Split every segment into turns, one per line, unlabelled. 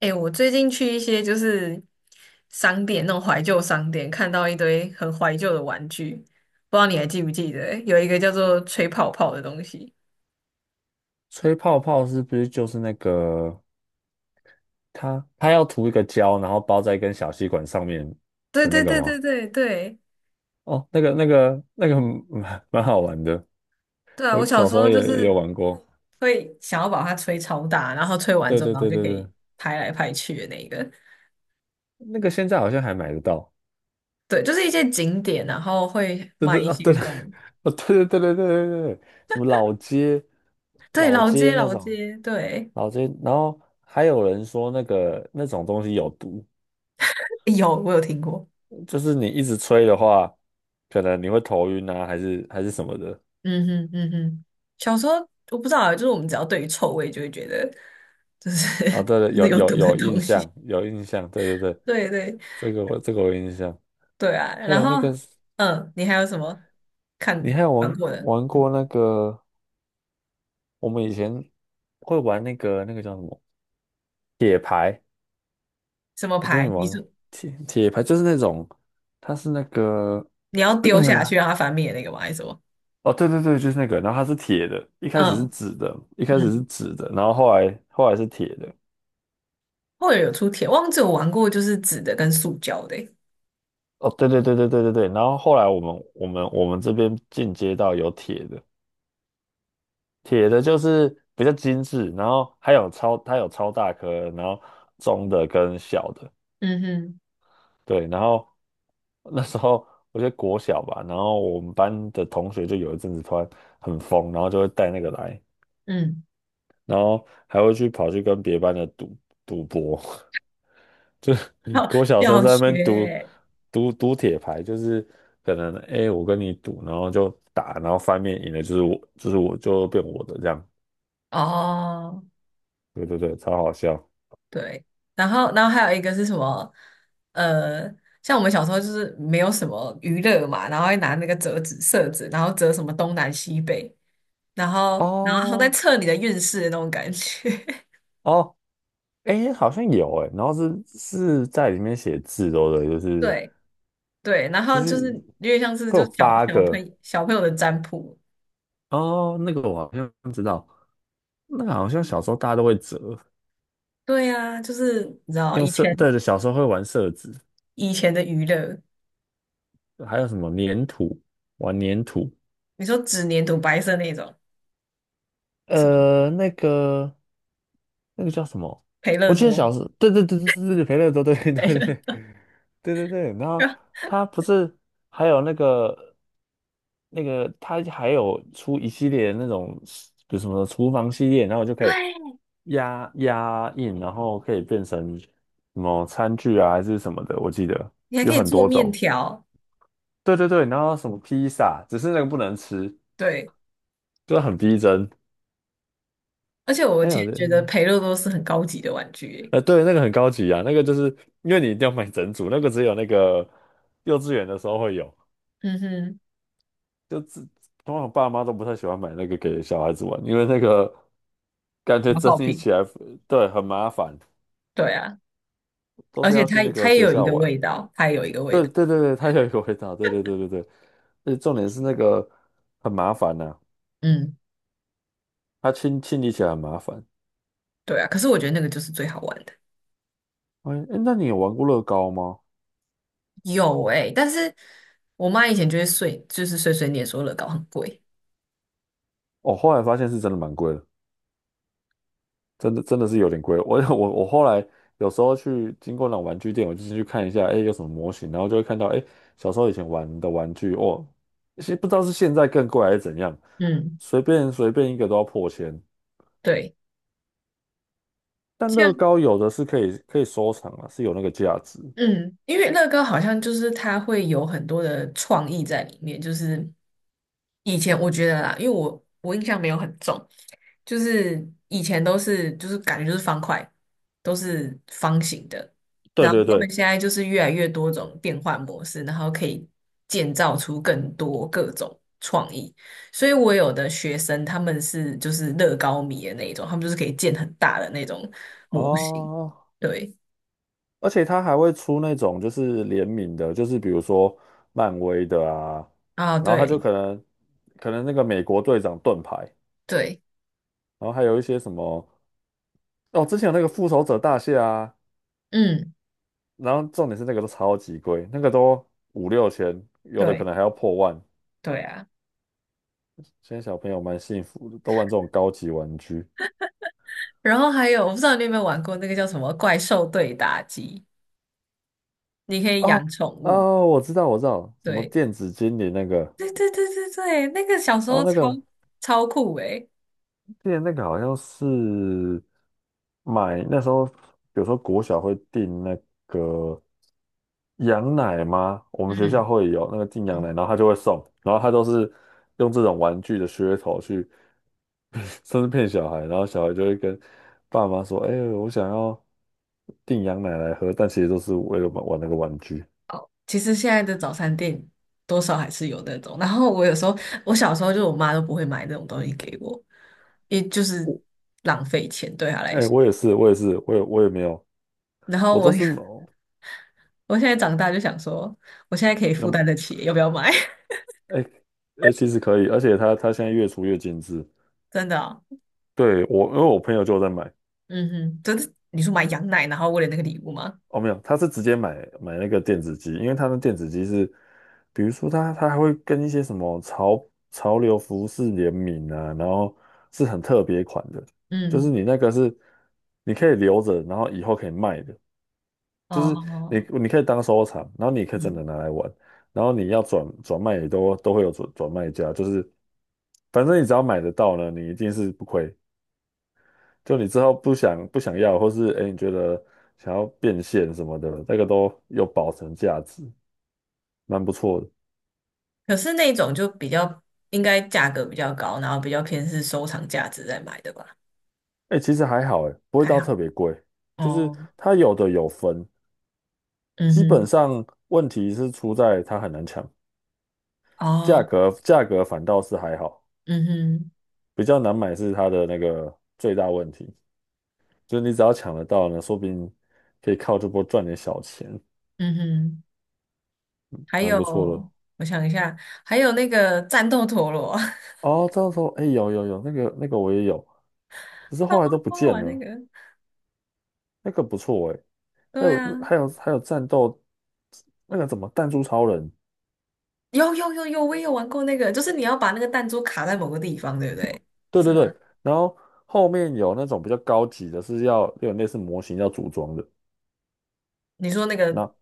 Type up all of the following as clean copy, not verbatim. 哎、我最近去一些就是商店，那种怀旧商店，看到一堆很怀旧的玩具，不知道你还记不记得？有一个叫做吹泡泡的东西。
吹泡泡是不是就是那个它要涂一个胶，然后包在一根小吸管上面
对
的那
对
个
对对
吗？
对对。
哦，那个 蛮好玩的，
对啊！我
我
小
小
时
时候
候
也
就
也有
是
玩过。
会想要把它吹超大，然后吹完
对
之后，
对
然后
对
就
对
可
对，
以拍来拍去的那个。
那个现在好像还买得到。
对，就是一些景点，然后会
对
卖
对
一
啊，
些
对了，
这种。
哦对对对对对对对，什么老街
对，
老
老街
街那
老
种
街，对，
老街，然后还有人说那个那种东西有毒，
有，我有听过。
就是你一直吹的话，可能你会头晕啊，还是什么的。
嗯哼嗯哼，小时候我不知道，啊，就是我们只要对于臭味就会觉得，就是
啊，对 了，
就是有毒的
有印
东西。
象，有印象，对对对，
对对。
这个我有印象。
对啊，
还
然
有那
后
个，
嗯，你还有什么看
你还有
玩
玩
过的
玩过那个？我们以前会玩那个叫什么铁牌？
什么
我不知道你
牌？你
玩过
是
铁牌，就是那种它是那个
你要丢下去让它翻面的那个吗？还是什么？
哦，对对对，就是那个，然后它是铁的，一开始是
嗯
纸的，一开始是
嗯，
纸的，然后后来是铁的。
或者有出铁，忘记我玩过就是纸的跟塑胶的欸。
哦，对对对对对对对，然后后来我们这边进阶到有铁的。铁的就是比较精致，然后还有它有超大颗，然后中的跟小的，
嗯哼
对，然后那时候我觉得国小吧，然后我们班的同学就有一阵子突然很疯，然后就会带那个来，
嗯，
然后还会去跑去跟别班的赌博，就
要
国小生
要
在那
学
边赌
欸。
赌赌铁牌，就是可能哎、诶我跟你赌，然后就打，然后翻面赢了就是我就变我的这样，
哦。
对对对，超好笑。
对，然后还有一个是什么？呃，像我们小时候就是没有什么娱乐嘛，然后会拿那个折纸、色纸，然后折什么东南西北，然后还在
哦
测你的运势的那种感觉。
哦，哎，好像有哎，然后是在里面写字都的哦，就 是
对对，然
就
后
是
就是有点像是
会有
就小
八
小朋
个
友小朋友的占卜。
哦，那个我好像知道，那个好像小时候大家都会折，
对啊，就是你知道
用
以
色，
前
对对，小时候会玩色纸，
以前的娱乐，
还有什么粘土，玩粘土，
你说纸黏土白色那种是吗？
那个。那个叫什么？
培乐
我记得
多，
小时候，对对对对对对，培乐多，对对
培
对对
乐
对对对。然后 他不是还有那个,他还有出一系列那种，比如什么厨房系列，然后我就可
对，
以压印，然后可以变成什么餐具啊，还是什么的，我记得
你还可
有
以
很
做
多
面
种。
条。
对对对，然后什么披萨，只是那个不能吃，
对，
就很逼真。
而且我以
哎，我
前
觉得。
觉得培乐多是很高级的玩具耶。
对，那个很高级啊，那个就是因为你一定要买整组，那个只有那个幼稚园的时候会有，
嗯哼，
就自通常爸妈都不太喜欢买那个给小孩子玩，因为那个感觉
消
整
耗
理
品，
起来，对，很麻烦，
对啊，
都
而
是
且
要去
它
那
它
个
也
学
有一
校
个
玩。
味道，它也有一个味
对
道，
对对对，他有一个回答，对对对对对，而且重点是那个很麻烦呐、
嗯，
它清理起来很麻烦。
对啊，可是我觉得那个就是最好玩的，
哎，诶那你有玩过乐高吗？
有诶、但是我妈以前就会碎，就是碎碎念说乐高很贵，
哦，后来发现是真的蛮贵的。真的真的是有点贵。我 我后来有时候去经过那种玩具店，我就进去看一下，哎，有什么模型，然后就会看到，哎，小时候以前玩的玩具，哦，其实不知道是现在更贵还是怎样，
嗯，
随便一个都要破千。
对。
但乐高有的是可以收藏啊，是有那个价值。
嗯，因为乐高好像就是它会有很多的创意在里面，就是以前我觉得啦，因为我印象没有很重，就是以前都是就是感觉就是方块，都是方形的，
对
然后
对
他们
对，
现在就是越来越多种变换模式，然后可以建造出更多各种创意，所以我有的学生他们是就是乐高迷的那一种，他们就是可以建很大的那种模型，
哦，
对
而且它还会出那种就是联名的，就是比如说漫威的啊，
啊，
然后它就
对
可能那个美国队长盾牌。
对。
然后还有一些什么哦，之前有那个复仇者大蟹啊，
嗯，
然后重点是那个都超级贵，那个都五六千，有的可
对
能还要破万。
对啊，
现在小朋友蛮幸福的，都玩这种高级玩具。
然后还有我不知道你有没有玩过那个叫什么怪兽对打机，你可以养
哦
宠物。
哦，我知道，我知道，什么
对，
电子精灵那个，
对对对对对，那个小时
哦，
候
那
超
个
超酷诶、
之前那个好像是买那时候，比如说国小会订那个羊奶吗？我们学校
嗯，
会有那个订羊奶，
嗯
然后他就会送，然后他都是用这种玩具的噱头去，甚至骗小孩，然后小孩就会跟爸妈说："哎、我想要订羊奶来喝。"但其实都是为了玩玩那个玩具。
其实现在的早餐店多少还是有那种。然后我有时候，我小时候就我妈都不会买那种东西给我，也就是
我
浪费钱对她来
哎、
说。
我也是，我也是，我也没有，
然后
我
我
都是
我现在长大就想说，我现在可以
那
负担得
么。
起，要不要买？
哎、其实可以，而且它现在越出越精致。
真的哦。
对，因为我朋友就有在买，
嗯哼，真是你说买羊奶，然后为了那个礼物吗？
哦，没有，他是直接买那个电子机，因为他的电子机是，比如说他还会跟一些什么潮流服饰联名啊，然后是很特别款的，就是
嗯，
你那个是你可以留着，然后以后可以卖的，就是你
哦，
你可以当收藏，然后你可以真
嗯，
的拿来玩，然后你要转卖也都会有转卖家，就是反正你只要买得到呢，你一定是不亏。就你之后不想要，或是哎、诶你觉得想要变现什么的，那个都有保存价值，蛮不错的。
可是那种就比较应该价格比较高，然后比较偏是收藏价值在买的吧？
哎、其实还好哎、不会
还
到
好。
特别贵，就是
哦，
它有的有分，
嗯
基本
哼，
上问题是出在它很难抢，价
哦，
格价格反倒是还好，
嗯哼，
比较难买是它的那个最大问题，就是你只要抢得到呢，说不定可以靠这波赚点小钱，
嗯哼，还
蛮
有，
不错的哦。
我想一下，还有那个战斗陀螺，
哦，这样说，哎、有有有，那个那个我也有，只是
超
后来都不
多
见
玩那
了。
个。
那个不错诶，还
对
有
啊，
还有还有战斗，那个怎么弹珠超人？
有有有有，我也有玩过那个，就是你要把那个弹珠卡在某个地方，对不对？
对
是
对
吗？
对，然后后面有那种比较高级的，是要有类似模型要组装的，
你说那个，
那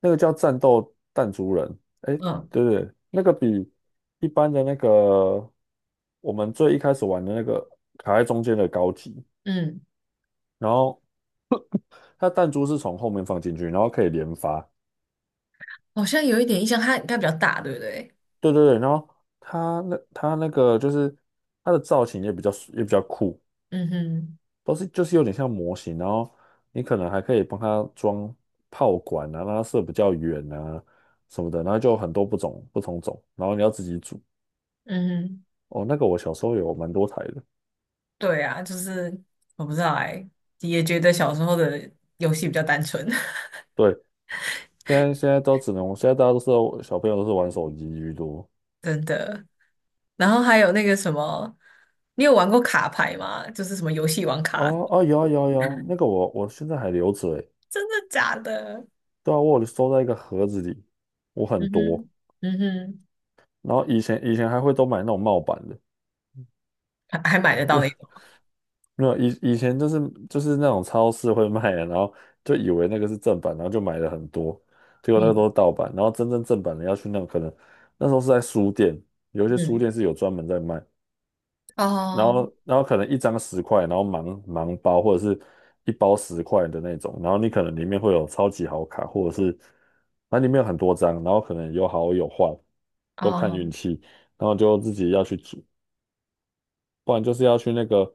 那个叫战斗弹珠人，哎，
嗯，
对对，那个比一般的那个我们最一开始玩的那个卡在中间的高级，
嗯。
然后它弹珠是从后面放进去，然后可以连发，
好像有一点印象，它比较大，对不对？
对对对，然后它那它那个就是它的造型也比较也比较酷。
嗯哼，
都是就是有点像模型，然后你可能还可以帮它装炮管啊，让它射比较远啊什么的，然后就有很多不同种，然后你要自己组。
嗯哼，
哦，那个我小时候有蛮多台的，
对啊，就是我不知道哎、也觉得小时候的游戏比较单纯，
对，现在都只能，现在大家都是小朋友都是玩手机居多。
真的。然后还有那个什么，你有玩过卡牌吗？就是什么游戏王卡，
哦哦，有啊有啊有啊那个我我现在还留着诶，
真的假的？
对啊，我有收在一个盒子里，我很
嗯
多，
哼，嗯哼，
然后以前还会都买那种帽版的。
还买得到那种，
没有，以前就是那种超市会卖的，然后就以为那个是正版，然后就买了很多，结果那个
嗯
都是盗版。然后真正正版的要去那种可能那时候是在书店，有一些书
嗯，
店是有专门在卖，然
哦
后然后可能一张十块，然后盲包或者是一包十块的那种，然后你可能里面会有超级好卡，或者是它里面有很多张，然后可能有好有坏，都看
哦，
运气，然后就自己要去不然就是要去那个，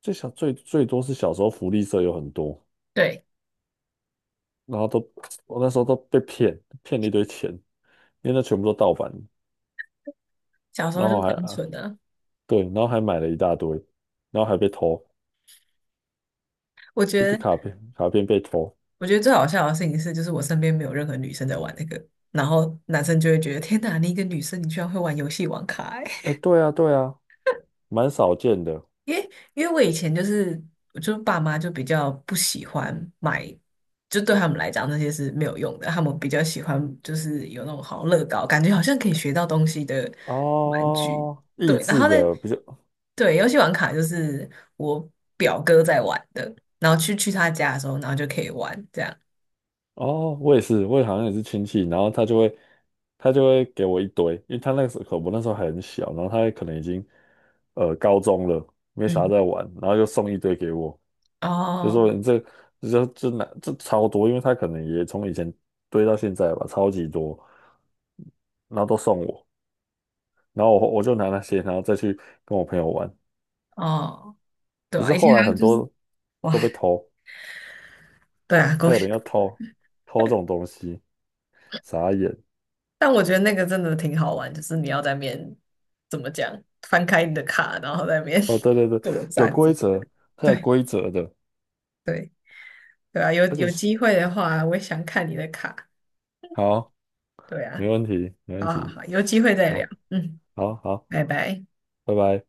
最多是小时候福利社有很多，
对，
然后我那时候都被骗，骗了一堆钱，因为那全部都盗版，
小时候
然
就
后
单纯的，
对，然后还买了一大堆，然后还被偷，
我觉
一堆
得。
卡片被偷，
我觉得最好笑的事情是，就是我身边没有任何女生在玩那个，然后男生就会觉得天哪，你一个女生你居然会玩游戏王卡欸、
哎，对啊对啊，蛮少见的
因为我以前就是，我就爸妈就比较不喜欢买，就对他们来讲那些是没有用的，他们比较喜欢就是有那种好像乐高，感觉好像可以学到东西的玩具。
哦，益
对，然
智
后呢，
的比较
对，游戏王卡就是我表哥在玩的，然后去他家的时候，然后就可以玩这样。
哦，我也是，我也好像也是亲戚，然后他就会给我一堆，因为他那个时候我那时候还很小，然后他可能已经高中了，没啥
嗯，
在玩，然后就送一堆给我，就
哦
说你这这就就拿这超多，因为他可能也从以前堆到现在吧，超级多，然后都送我，然后我就拿那些，然后再去跟我朋友玩，
哦。对
只
啊，
是
以
后
前
来
还
很
就是
多
哇，
都被偷，
对啊，过。
还有
血。
人要偷这种东西，傻眼。
但我觉得那个真的挺好玩，就是你要在面，怎么讲，翻开你的卡，然后在面 边
哦，对对对，
作
有
战
规
着。
则，它有
对
规则的，
对对啊，有
而且
有
是
机会的话，我也想看你的卡。
好，
对
没
啊，
问题，没问
好好
题，
好，有机会再
好，
聊。嗯，
好，好，
拜拜。
拜拜。